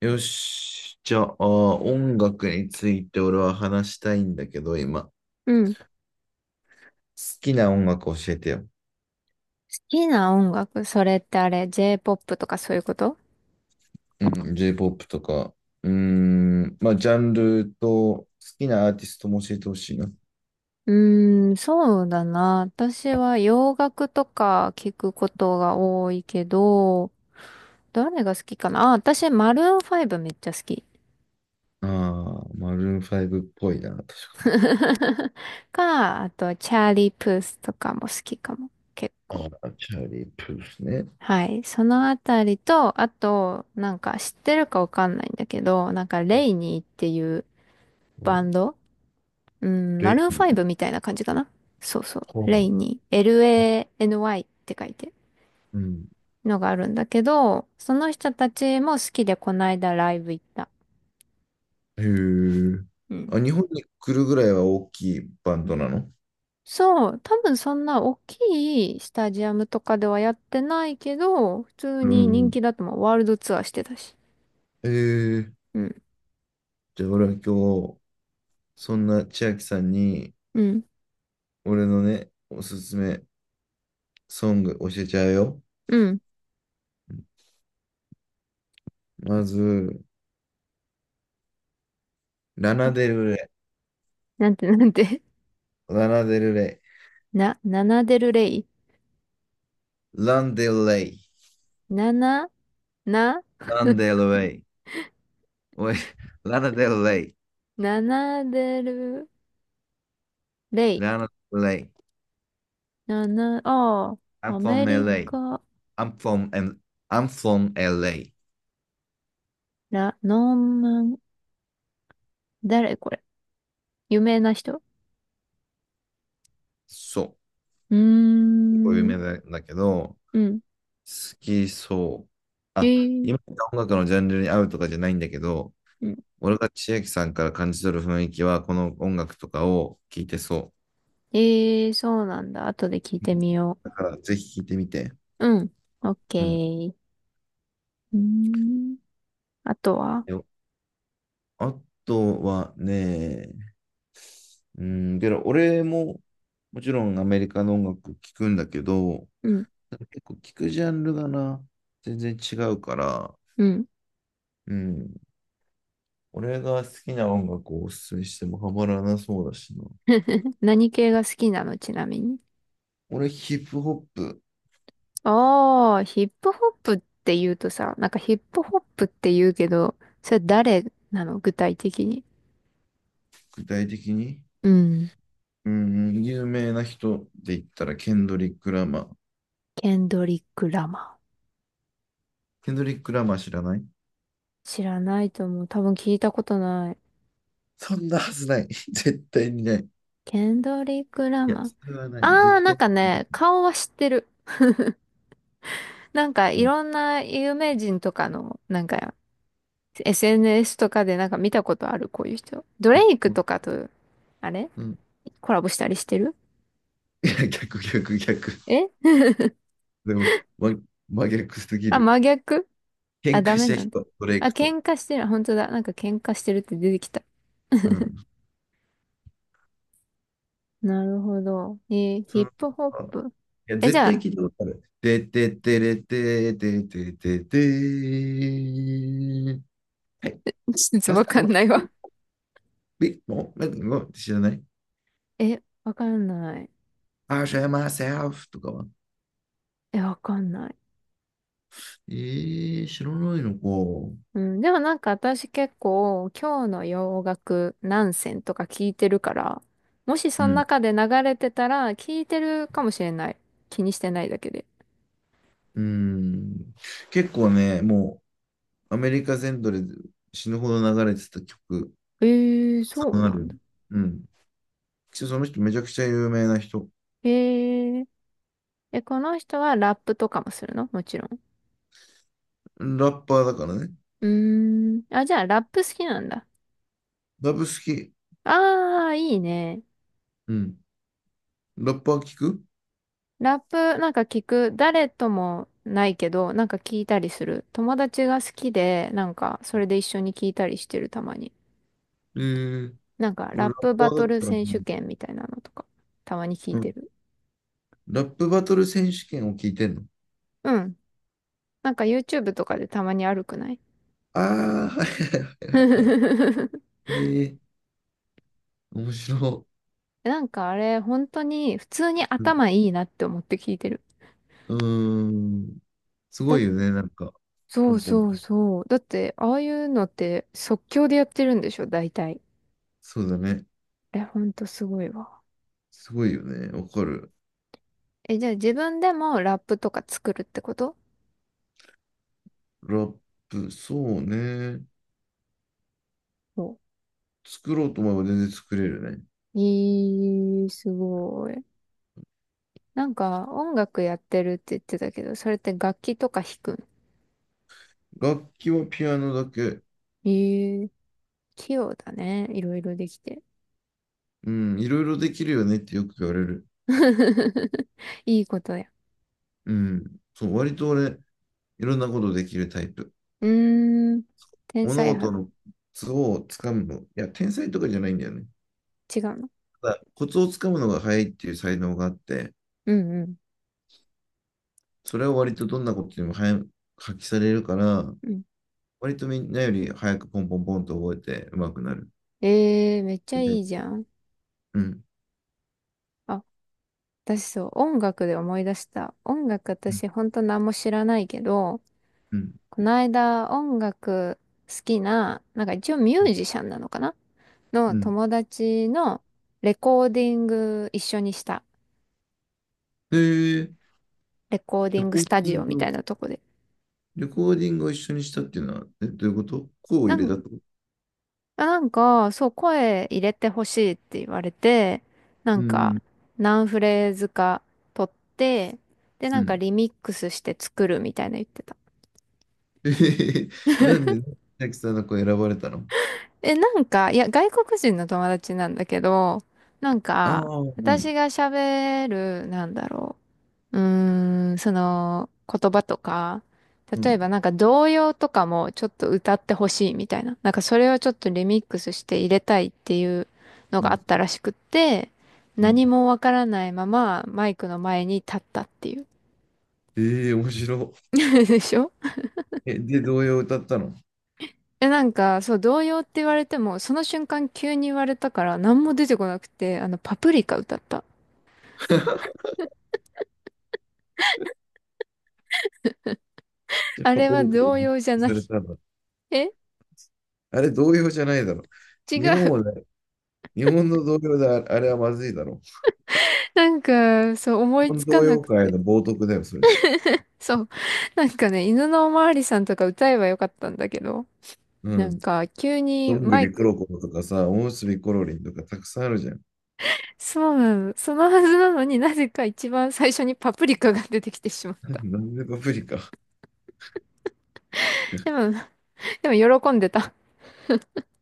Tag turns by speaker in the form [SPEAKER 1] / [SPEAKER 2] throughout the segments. [SPEAKER 1] よし。じゃあ、音楽について俺は話したいんだけど、今。好
[SPEAKER 2] うん。好
[SPEAKER 1] きな音楽教えてよ。
[SPEAKER 2] きな音楽、それってあれ、J-POP とかそういうこと？
[SPEAKER 1] うん、J-POP とか。うーん、まあ、ジャンルと好きなアーティストも教えてほしいな。
[SPEAKER 2] そうだな。私は洋楽とか聞くことが多いけど、誰が好きかなあ、私、マルーン5めっちゃ好き。
[SPEAKER 1] ああ、マルーン5っぽいな、確か。
[SPEAKER 2] か、あと、チャーリー・プースとかも好きかも。結
[SPEAKER 1] あ
[SPEAKER 2] 構。
[SPEAKER 1] あ、チャーリー・プースね。
[SPEAKER 2] はい。そのあたりと、あと、なんか知ってるかわかんないんだけど、なんか、レイニーっていう
[SPEAKER 1] う
[SPEAKER 2] バン
[SPEAKER 1] ん。
[SPEAKER 2] ド。うん、
[SPEAKER 1] レ
[SPEAKER 2] マ
[SPEAKER 1] イ・
[SPEAKER 2] ルーンファイブみたいな感じかな。そうそう。
[SPEAKER 1] ホー
[SPEAKER 2] レイ
[SPEAKER 1] ム。
[SPEAKER 2] に LANY って書いて
[SPEAKER 1] うん。
[SPEAKER 2] のがあるんだけど、その人たちも好きでこないだライブ行った。
[SPEAKER 1] へえ。
[SPEAKER 2] うん。
[SPEAKER 1] あ、日本に来るぐらいは大きいバンドなの？
[SPEAKER 2] そう。多分そんな大きいスタジアムとかではやってないけど、普通
[SPEAKER 1] う
[SPEAKER 2] に人
[SPEAKER 1] ん。
[SPEAKER 2] 気だと思う。ワールドツアーしてたし。
[SPEAKER 1] ええ。
[SPEAKER 2] うん。
[SPEAKER 1] じゃあ、俺は今日、そんな千秋さんに、
[SPEAKER 2] うん。
[SPEAKER 1] 俺のね、おすすめソング教えちゃうよ。
[SPEAKER 2] うん。
[SPEAKER 1] まず、ラナデルレ
[SPEAKER 2] なんて、なんて？
[SPEAKER 1] イ、ラナデルレ
[SPEAKER 2] ナナデルレイ。
[SPEAKER 1] イ、ランデルレイ、
[SPEAKER 2] ナナ、な、
[SPEAKER 1] ランデルレイ、おい、ラナデルレイ、
[SPEAKER 2] ナナデルレイ。
[SPEAKER 1] ラナデルレイ、
[SPEAKER 2] ナナ、ああ。
[SPEAKER 1] I'm
[SPEAKER 2] アメ
[SPEAKER 1] from
[SPEAKER 2] リ
[SPEAKER 1] LA,
[SPEAKER 2] カ、
[SPEAKER 1] I'm from, I'm from LA.
[SPEAKER 2] ラ、ノーマン、誰これ？有名な人？
[SPEAKER 1] そ
[SPEAKER 2] うー
[SPEAKER 1] う、こういう
[SPEAKER 2] ん、
[SPEAKER 1] 名前だけど、好
[SPEAKER 2] うん。
[SPEAKER 1] きそう。
[SPEAKER 2] え
[SPEAKER 1] あ、
[SPEAKER 2] ー、
[SPEAKER 1] 今言った音楽のジャンルに合うとかじゃないんだけど、
[SPEAKER 2] うん。
[SPEAKER 1] 俺が千秋さんから感じ取る雰囲気は、この音楽とかを聴いてそ
[SPEAKER 2] えー、そうなんだ。後で聞い
[SPEAKER 1] う。
[SPEAKER 2] て
[SPEAKER 1] うん。
[SPEAKER 2] みよ
[SPEAKER 1] だから、ぜひ聴いてみて。
[SPEAKER 2] う。うん。オッケ
[SPEAKER 1] うん。
[SPEAKER 2] ー。うーん。あとは、
[SPEAKER 1] よあとはね、うん、けど、俺も、もちろんアメリカの音楽聴くんだけど、
[SPEAKER 2] うん、
[SPEAKER 1] 結構聴くジャンルがな、全然違うから、
[SPEAKER 2] うん。
[SPEAKER 1] うん。俺が好きな音楽をおすすめしてもハマらなそうだしな。
[SPEAKER 2] 何系が好きなの、ちなみに？
[SPEAKER 1] 俺、ヒップホップ、
[SPEAKER 2] ああ、ヒップホップって言うとさ、なんかヒップホップって言うけど、それ誰なの、具体的に？
[SPEAKER 1] 具体的に、
[SPEAKER 2] うん。
[SPEAKER 1] うん、有名な人で言ったら、ケンドリック・ラマー。
[SPEAKER 2] ケンドリック・ラマ
[SPEAKER 1] ケンドリック・ラマー知らない？
[SPEAKER 2] ー。知らないと思う。多分聞いたことない。
[SPEAKER 1] そんなはずない。絶対にない。い
[SPEAKER 2] ケンドリック・ラ
[SPEAKER 1] や、
[SPEAKER 2] マー。
[SPEAKER 1] それはない。
[SPEAKER 2] あ
[SPEAKER 1] 絶
[SPEAKER 2] あ、なん
[SPEAKER 1] 対。
[SPEAKER 2] かね、顔は知ってる。なんか
[SPEAKER 1] う
[SPEAKER 2] い
[SPEAKER 1] ん。
[SPEAKER 2] ろんな有名人とかの、なんか SNS とかでなんか見たことある、こういう人。ド
[SPEAKER 1] あ、
[SPEAKER 2] レイ
[SPEAKER 1] う
[SPEAKER 2] ク
[SPEAKER 1] ん。
[SPEAKER 2] とかと、あれ
[SPEAKER 1] うん。
[SPEAKER 2] コラボしたりしてる？
[SPEAKER 1] いや、逆、逆、逆。
[SPEAKER 2] え
[SPEAKER 1] でも、ま、真逆すぎ
[SPEAKER 2] あ、
[SPEAKER 1] る。
[SPEAKER 2] 真逆。あ、
[SPEAKER 1] 喧
[SPEAKER 2] ダ
[SPEAKER 1] 嘩し
[SPEAKER 2] メ
[SPEAKER 1] た
[SPEAKER 2] なんだ。
[SPEAKER 1] 人、ドレイ
[SPEAKER 2] あ、
[SPEAKER 1] クと。
[SPEAKER 2] 喧嘩してる。本当だ。なんか喧嘩してるって出てきた。
[SPEAKER 1] うん。
[SPEAKER 2] なるほど。えーヒ
[SPEAKER 1] そ
[SPEAKER 2] ッ
[SPEAKER 1] の、
[SPEAKER 2] プホッ
[SPEAKER 1] あ、い
[SPEAKER 2] プ。
[SPEAKER 1] や、
[SPEAKER 2] え、じ
[SPEAKER 1] 絶
[SPEAKER 2] ゃ
[SPEAKER 1] 対
[SPEAKER 2] あ、
[SPEAKER 1] 聞いたことある。てててれてててててー。はい。
[SPEAKER 2] ちょっ
[SPEAKER 1] マ
[SPEAKER 2] と
[SPEAKER 1] ス
[SPEAKER 2] わ
[SPEAKER 1] ター、
[SPEAKER 2] か
[SPEAKER 1] お
[SPEAKER 2] んないわ。
[SPEAKER 1] ビッグモー、なんか、知らない？
[SPEAKER 2] え、わかんない。
[SPEAKER 1] i show myself とかは。
[SPEAKER 2] え、わかんない。
[SPEAKER 1] えー、知らないのか。
[SPEAKER 2] うん、でもなんか私結構今日の洋楽何選とか聞いてるから、もし
[SPEAKER 1] う
[SPEAKER 2] その
[SPEAKER 1] ん。
[SPEAKER 2] 中で流れてたら聞いてるかもしれない。気にしてないだけで。
[SPEAKER 1] うん。結構ね、もうアメリカ全土で死ぬほど流れてた曲、
[SPEAKER 2] えー、そう
[SPEAKER 1] んあ
[SPEAKER 2] なんだ。
[SPEAKER 1] る。うん。その人めちゃくちゃ有名な人。
[SPEAKER 2] えー、え、この人はラップとかもするの、もちろん？
[SPEAKER 1] ラッパーだからね。
[SPEAKER 2] うーん。あ、じゃあラップ好きなんだ。
[SPEAKER 1] ラブ好き。
[SPEAKER 2] あー、いいね。
[SPEAKER 1] うん。ラッパー聞く？
[SPEAKER 2] ラップなんか聞く。誰ともないけど、なんか聞いたりする。友達が好きで、なんかそれで一緒に聞いたりしてるたまに。
[SPEAKER 1] えー、
[SPEAKER 2] なんか、
[SPEAKER 1] 俺
[SPEAKER 2] ラッ
[SPEAKER 1] ラッ
[SPEAKER 2] プ
[SPEAKER 1] パ
[SPEAKER 2] バ
[SPEAKER 1] ー
[SPEAKER 2] ト
[SPEAKER 1] だっ
[SPEAKER 2] ル
[SPEAKER 1] たらね、
[SPEAKER 2] 選手権みたいなのとか、たまに聞い
[SPEAKER 1] う
[SPEAKER 2] て
[SPEAKER 1] ん。
[SPEAKER 2] る。
[SPEAKER 1] ラップバトル選手権を聞いてんの？
[SPEAKER 2] うん。なんか YouTube とかでたまにあるくない？
[SPEAKER 1] ああー、はいはい。ええー、面白
[SPEAKER 2] なんかあれ、本当に普通に
[SPEAKER 1] い。うん。
[SPEAKER 2] 頭いいなって思って聞いてる。
[SPEAKER 1] うーん、す
[SPEAKER 2] だ、
[SPEAKER 1] ごいよね、なんか。
[SPEAKER 2] そ
[SPEAKER 1] ポ
[SPEAKER 2] う
[SPEAKER 1] ンポ
[SPEAKER 2] そ
[SPEAKER 1] ン。
[SPEAKER 2] うそう。だって、ああいうのって即興でやってるんでしょ、大体。
[SPEAKER 1] そうだね。
[SPEAKER 2] え、ほんとすごいわ。
[SPEAKER 1] すごいよね。わかる。
[SPEAKER 2] え、じゃあ自分でもラップとか作るってこと？
[SPEAKER 1] ラップ、そうね。
[SPEAKER 2] お
[SPEAKER 1] 作ろうと思えば全然作れるね。
[SPEAKER 2] いい、すごい。なんか音楽やってるって言ってたけど、それって楽器とか弾くん？
[SPEAKER 1] 楽器はピアノだけ。
[SPEAKER 2] え、器用だね。いろいろできて。
[SPEAKER 1] うん、いろいろできるよねってよく言われる。
[SPEAKER 2] いいことや。
[SPEAKER 1] うん、そう、割と俺、いろんなことできるタイプ。
[SPEAKER 2] うーん。天
[SPEAKER 1] 物
[SPEAKER 2] 才派
[SPEAKER 1] 事
[SPEAKER 2] だ。
[SPEAKER 1] のコツをつかむの。いや、天才とかじゃないんだよね。
[SPEAKER 2] 違うの？
[SPEAKER 1] ただ、コツをつかむのが早いっていう才能があって、
[SPEAKER 2] うんうん。
[SPEAKER 1] それは割とどんなことにも早く発揮されるから、
[SPEAKER 2] うん。
[SPEAKER 1] 割とみんなより早くポンポンポンと覚えて上手くなる。
[SPEAKER 2] ええー、めっちゃい
[SPEAKER 1] で、
[SPEAKER 2] いじゃん。
[SPEAKER 1] うん、
[SPEAKER 2] あ、私そう、音楽で思い出した。音楽
[SPEAKER 1] うん、
[SPEAKER 2] 私ほんと何も知らないけど、
[SPEAKER 1] うん、
[SPEAKER 2] この間音楽好きな、なんか一応ミュージシャンなのかな
[SPEAKER 1] う
[SPEAKER 2] の
[SPEAKER 1] ん。
[SPEAKER 2] 友達のレコーディング一緒にした。
[SPEAKER 1] で、
[SPEAKER 2] レコーデ
[SPEAKER 1] レ
[SPEAKER 2] ィング
[SPEAKER 1] コ
[SPEAKER 2] ス
[SPEAKER 1] ー
[SPEAKER 2] タ
[SPEAKER 1] ディ
[SPEAKER 2] ジ
[SPEAKER 1] ン
[SPEAKER 2] オみた
[SPEAKER 1] グ、
[SPEAKER 2] いなとこで。
[SPEAKER 1] レコーディングを一緒にしたっていうのは、え、どういうこと？こう
[SPEAKER 2] な
[SPEAKER 1] 入れたっ
[SPEAKER 2] ん
[SPEAKER 1] てこと？
[SPEAKER 2] やなんか、そう、声入れてほしいって言われて、な
[SPEAKER 1] う
[SPEAKER 2] ん
[SPEAKER 1] んう
[SPEAKER 2] か、
[SPEAKER 1] ん、
[SPEAKER 2] 何フレーズか取って、で、
[SPEAKER 1] う
[SPEAKER 2] なんか
[SPEAKER 1] ん。
[SPEAKER 2] リミックスして作るみたいな言ってた。
[SPEAKER 1] えへへへ、なんで、千秋さんの子選ばれたの？
[SPEAKER 2] え、なんか、いや、外国人の友達なんだけど、なん
[SPEAKER 1] あ
[SPEAKER 2] か、
[SPEAKER 1] あ、うん、
[SPEAKER 2] 私が喋る、なんだろう。うーん、その言葉とか、
[SPEAKER 1] う
[SPEAKER 2] 例え
[SPEAKER 1] ん、
[SPEAKER 2] ばなんか童謡とかもちょっと歌ってほしいみたいな。なんかそれをちょっとリミックスして入れたいっていうの
[SPEAKER 1] う
[SPEAKER 2] があ
[SPEAKER 1] ん。
[SPEAKER 2] ったらしくって、
[SPEAKER 1] う
[SPEAKER 2] 何
[SPEAKER 1] ん。
[SPEAKER 2] もわからないままマイクの前に立ったっていう。
[SPEAKER 1] ええ、面白
[SPEAKER 2] でしょ？
[SPEAKER 1] い。え、で、童謡を歌ったの？
[SPEAKER 2] え、なんか、そう、童謡って言われても、その瞬間急に言われたから何も出てこなくて、あの、パプリカ歌った。
[SPEAKER 1] じゃあ、
[SPEAKER 2] あ
[SPEAKER 1] パ
[SPEAKER 2] れ
[SPEAKER 1] プ
[SPEAKER 2] は
[SPEAKER 1] リカで
[SPEAKER 2] 童
[SPEAKER 1] 認
[SPEAKER 2] 謡じゃ
[SPEAKER 1] 定
[SPEAKER 2] ない。
[SPEAKER 1] されたの。
[SPEAKER 2] え、
[SPEAKER 1] あれ、童謡じゃないだろ。
[SPEAKER 2] 違
[SPEAKER 1] 日本
[SPEAKER 2] う。
[SPEAKER 1] はね、日本の童謡で、あ、あれはまずいだろ。
[SPEAKER 2] なんか、そう、思
[SPEAKER 1] 日
[SPEAKER 2] い
[SPEAKER 1] 本
[SPEAKER 2] つか
[SPEAKER 1] 童
[SPEAKER 2] な
[SPEAKER 1] 謡
[SPEAKER 2] く
[SPEAKER 1] 界
[SPEAKER 2] て。
[SPEAKER 1] の冒涜だよ、それ。
[SPEAKER 2] そう。なんかね、犬のおまわりさんとか歌えばよかったんだけど、
[SPEAKER 1] う
[SPEAKER 2] なん
[SPEAKER 1] ん。
[SPEAKER 2] か急
[SPEAKER 1] ど
[SPEAKER 2] に
[SPEAKER 1] んぐ
[SPEAKER 2] マイ
[SPEAKER 1] りこ
[SPEAKER 2] ク、
[SPEAKER 1] ろころとかさ、おむすびころりんとかたくさんあるじゃん。
[SPEAKER 2] そうなの、そのはずなのになぜか一番最初にパプリカが出てきてしまっ た。
[SPEAKER 1] なんでパプリカ？
[SPEAKER 2] でも、でも喜んでた。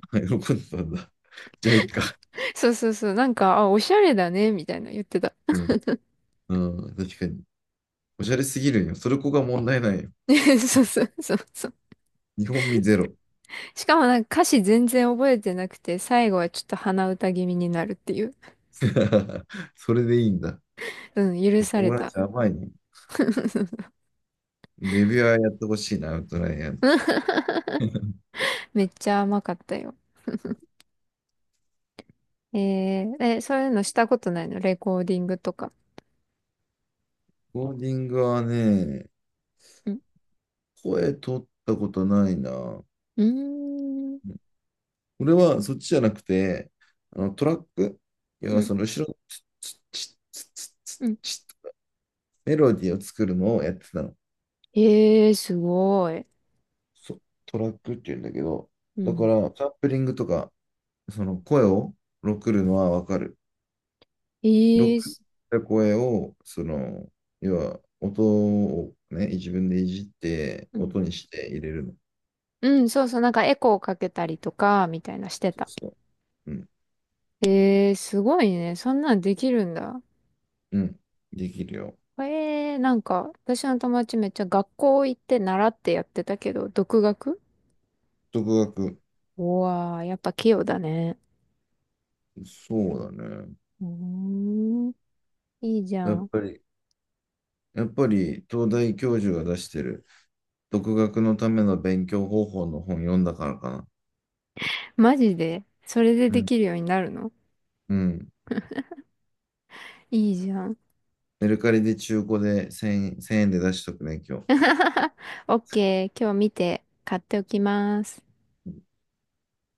[SPEAKER 1] あ、喜んでたんだ。じゃあ、いいか。
[SPEAKER 2] そうそうそう、なんか、あ、おしゃれだね、みたいな言ってた。
[SPEAKER 1] うん。うん、確かに。おしゃれすぎるんよ。それこが問題ないよ。
[SPEAKER 2] そうそうそうそう。
[SPEAKER 1] 日本味ゼロ。
[SPEAKER 2] しかもなんか歌詞全然覚えてなくて、最後はちょっと鼻歌気味になるっていう。
[SPEAKER 1] それでいいんだ。
[SPEAKER 2] うん、許され
[SPEAKER 1] 友
[SPEAKER 2] た。
[SPEAKER 1] 達甘いね。レビュアーやってほしいな、アウトライアーの。
[SPEAKER 2] めっちゃ甘かったよ。えー、え、そういうのしたことないの、レコーディングとか。
[SPEAKER 1] コーディングはね、声取ったことないな。
[SPEAKER 2] うーん。
[SPEAKER 1] うん。俺はそっちじゃなくて、あのトラック、い
[SPEAKER 2] う
[SPEAKER 1] や、
[SPEAKER 2] ん。
[SPEAKER 1] その後ろのツッチッツッツッツッ
[SPEAKER 2] うん。
[SPEAKER 1] チッ、メロディーを作るのをやってたの。
[SPEAKER 2] ええー、すごい。
[SPEAKER 1] そトラックって言うんだけど、
[SPEAKER 2] う
[SPEAKER 1] だか
[SPEAKER 2] ん。
[SPEAKER 1] らサンプリングとかその声をロックるのはわかる。ロ
[SPEAKER 2] ええ
[SPEAKER 1] ッ
[SPEAKER 2] ー、
[SPEAKER 1] クっ
[SPEAKER 2] す、
[SPEAKER 1] た声を、その、要は音をね、自分でいじって、
[SPEAKER 2] うん。
[SPEAKER 1] 音にして入れるの。
[SPEAKER 2] うん、そうそう。なんかエコーかけたりとか、みたいなして
[SPEAKER 1] そう
[SPEAKER 2] た。
[SPEAKER 1] そう。うん、
[SPEAKER 2] ええー、すごいね。そんなんできるんだ。
[SPEAKER 1] うん、できるよ。
[SPEAKER 2] ええー、なんか、私の友達めっちゃ学校行って習ってやってたけど、独学？
[SPEAKER 1] 独学、
[SPEAKER 2] うわー、やっぱ器用だね。
[SPEAKER 1] そうだね。
[SPEAKER 2] うーん。いいじゃ
[SPEAKER 1] やっ
[SPEAKER 2] ん。
[SPEAKER 1] ぱり、やっぱり東大教授が出してる独学のための勉強方法の本読んだからかな。
[SPEAKER 2] マジでそれで
[SPEAKER 1] う
[SPEAKER 2] で
[SPEAKER 1] ん。
[SPEAKER 2] きるようになるの？
[SPEAKER 1] うん。
[SPEAKER 2] いいじゃん。
[SPEAKER 1] メルカリで中古で1円、1000円で出しとくね、今日。
[SPEAKER 2] オッケー、今日見て買っておきます。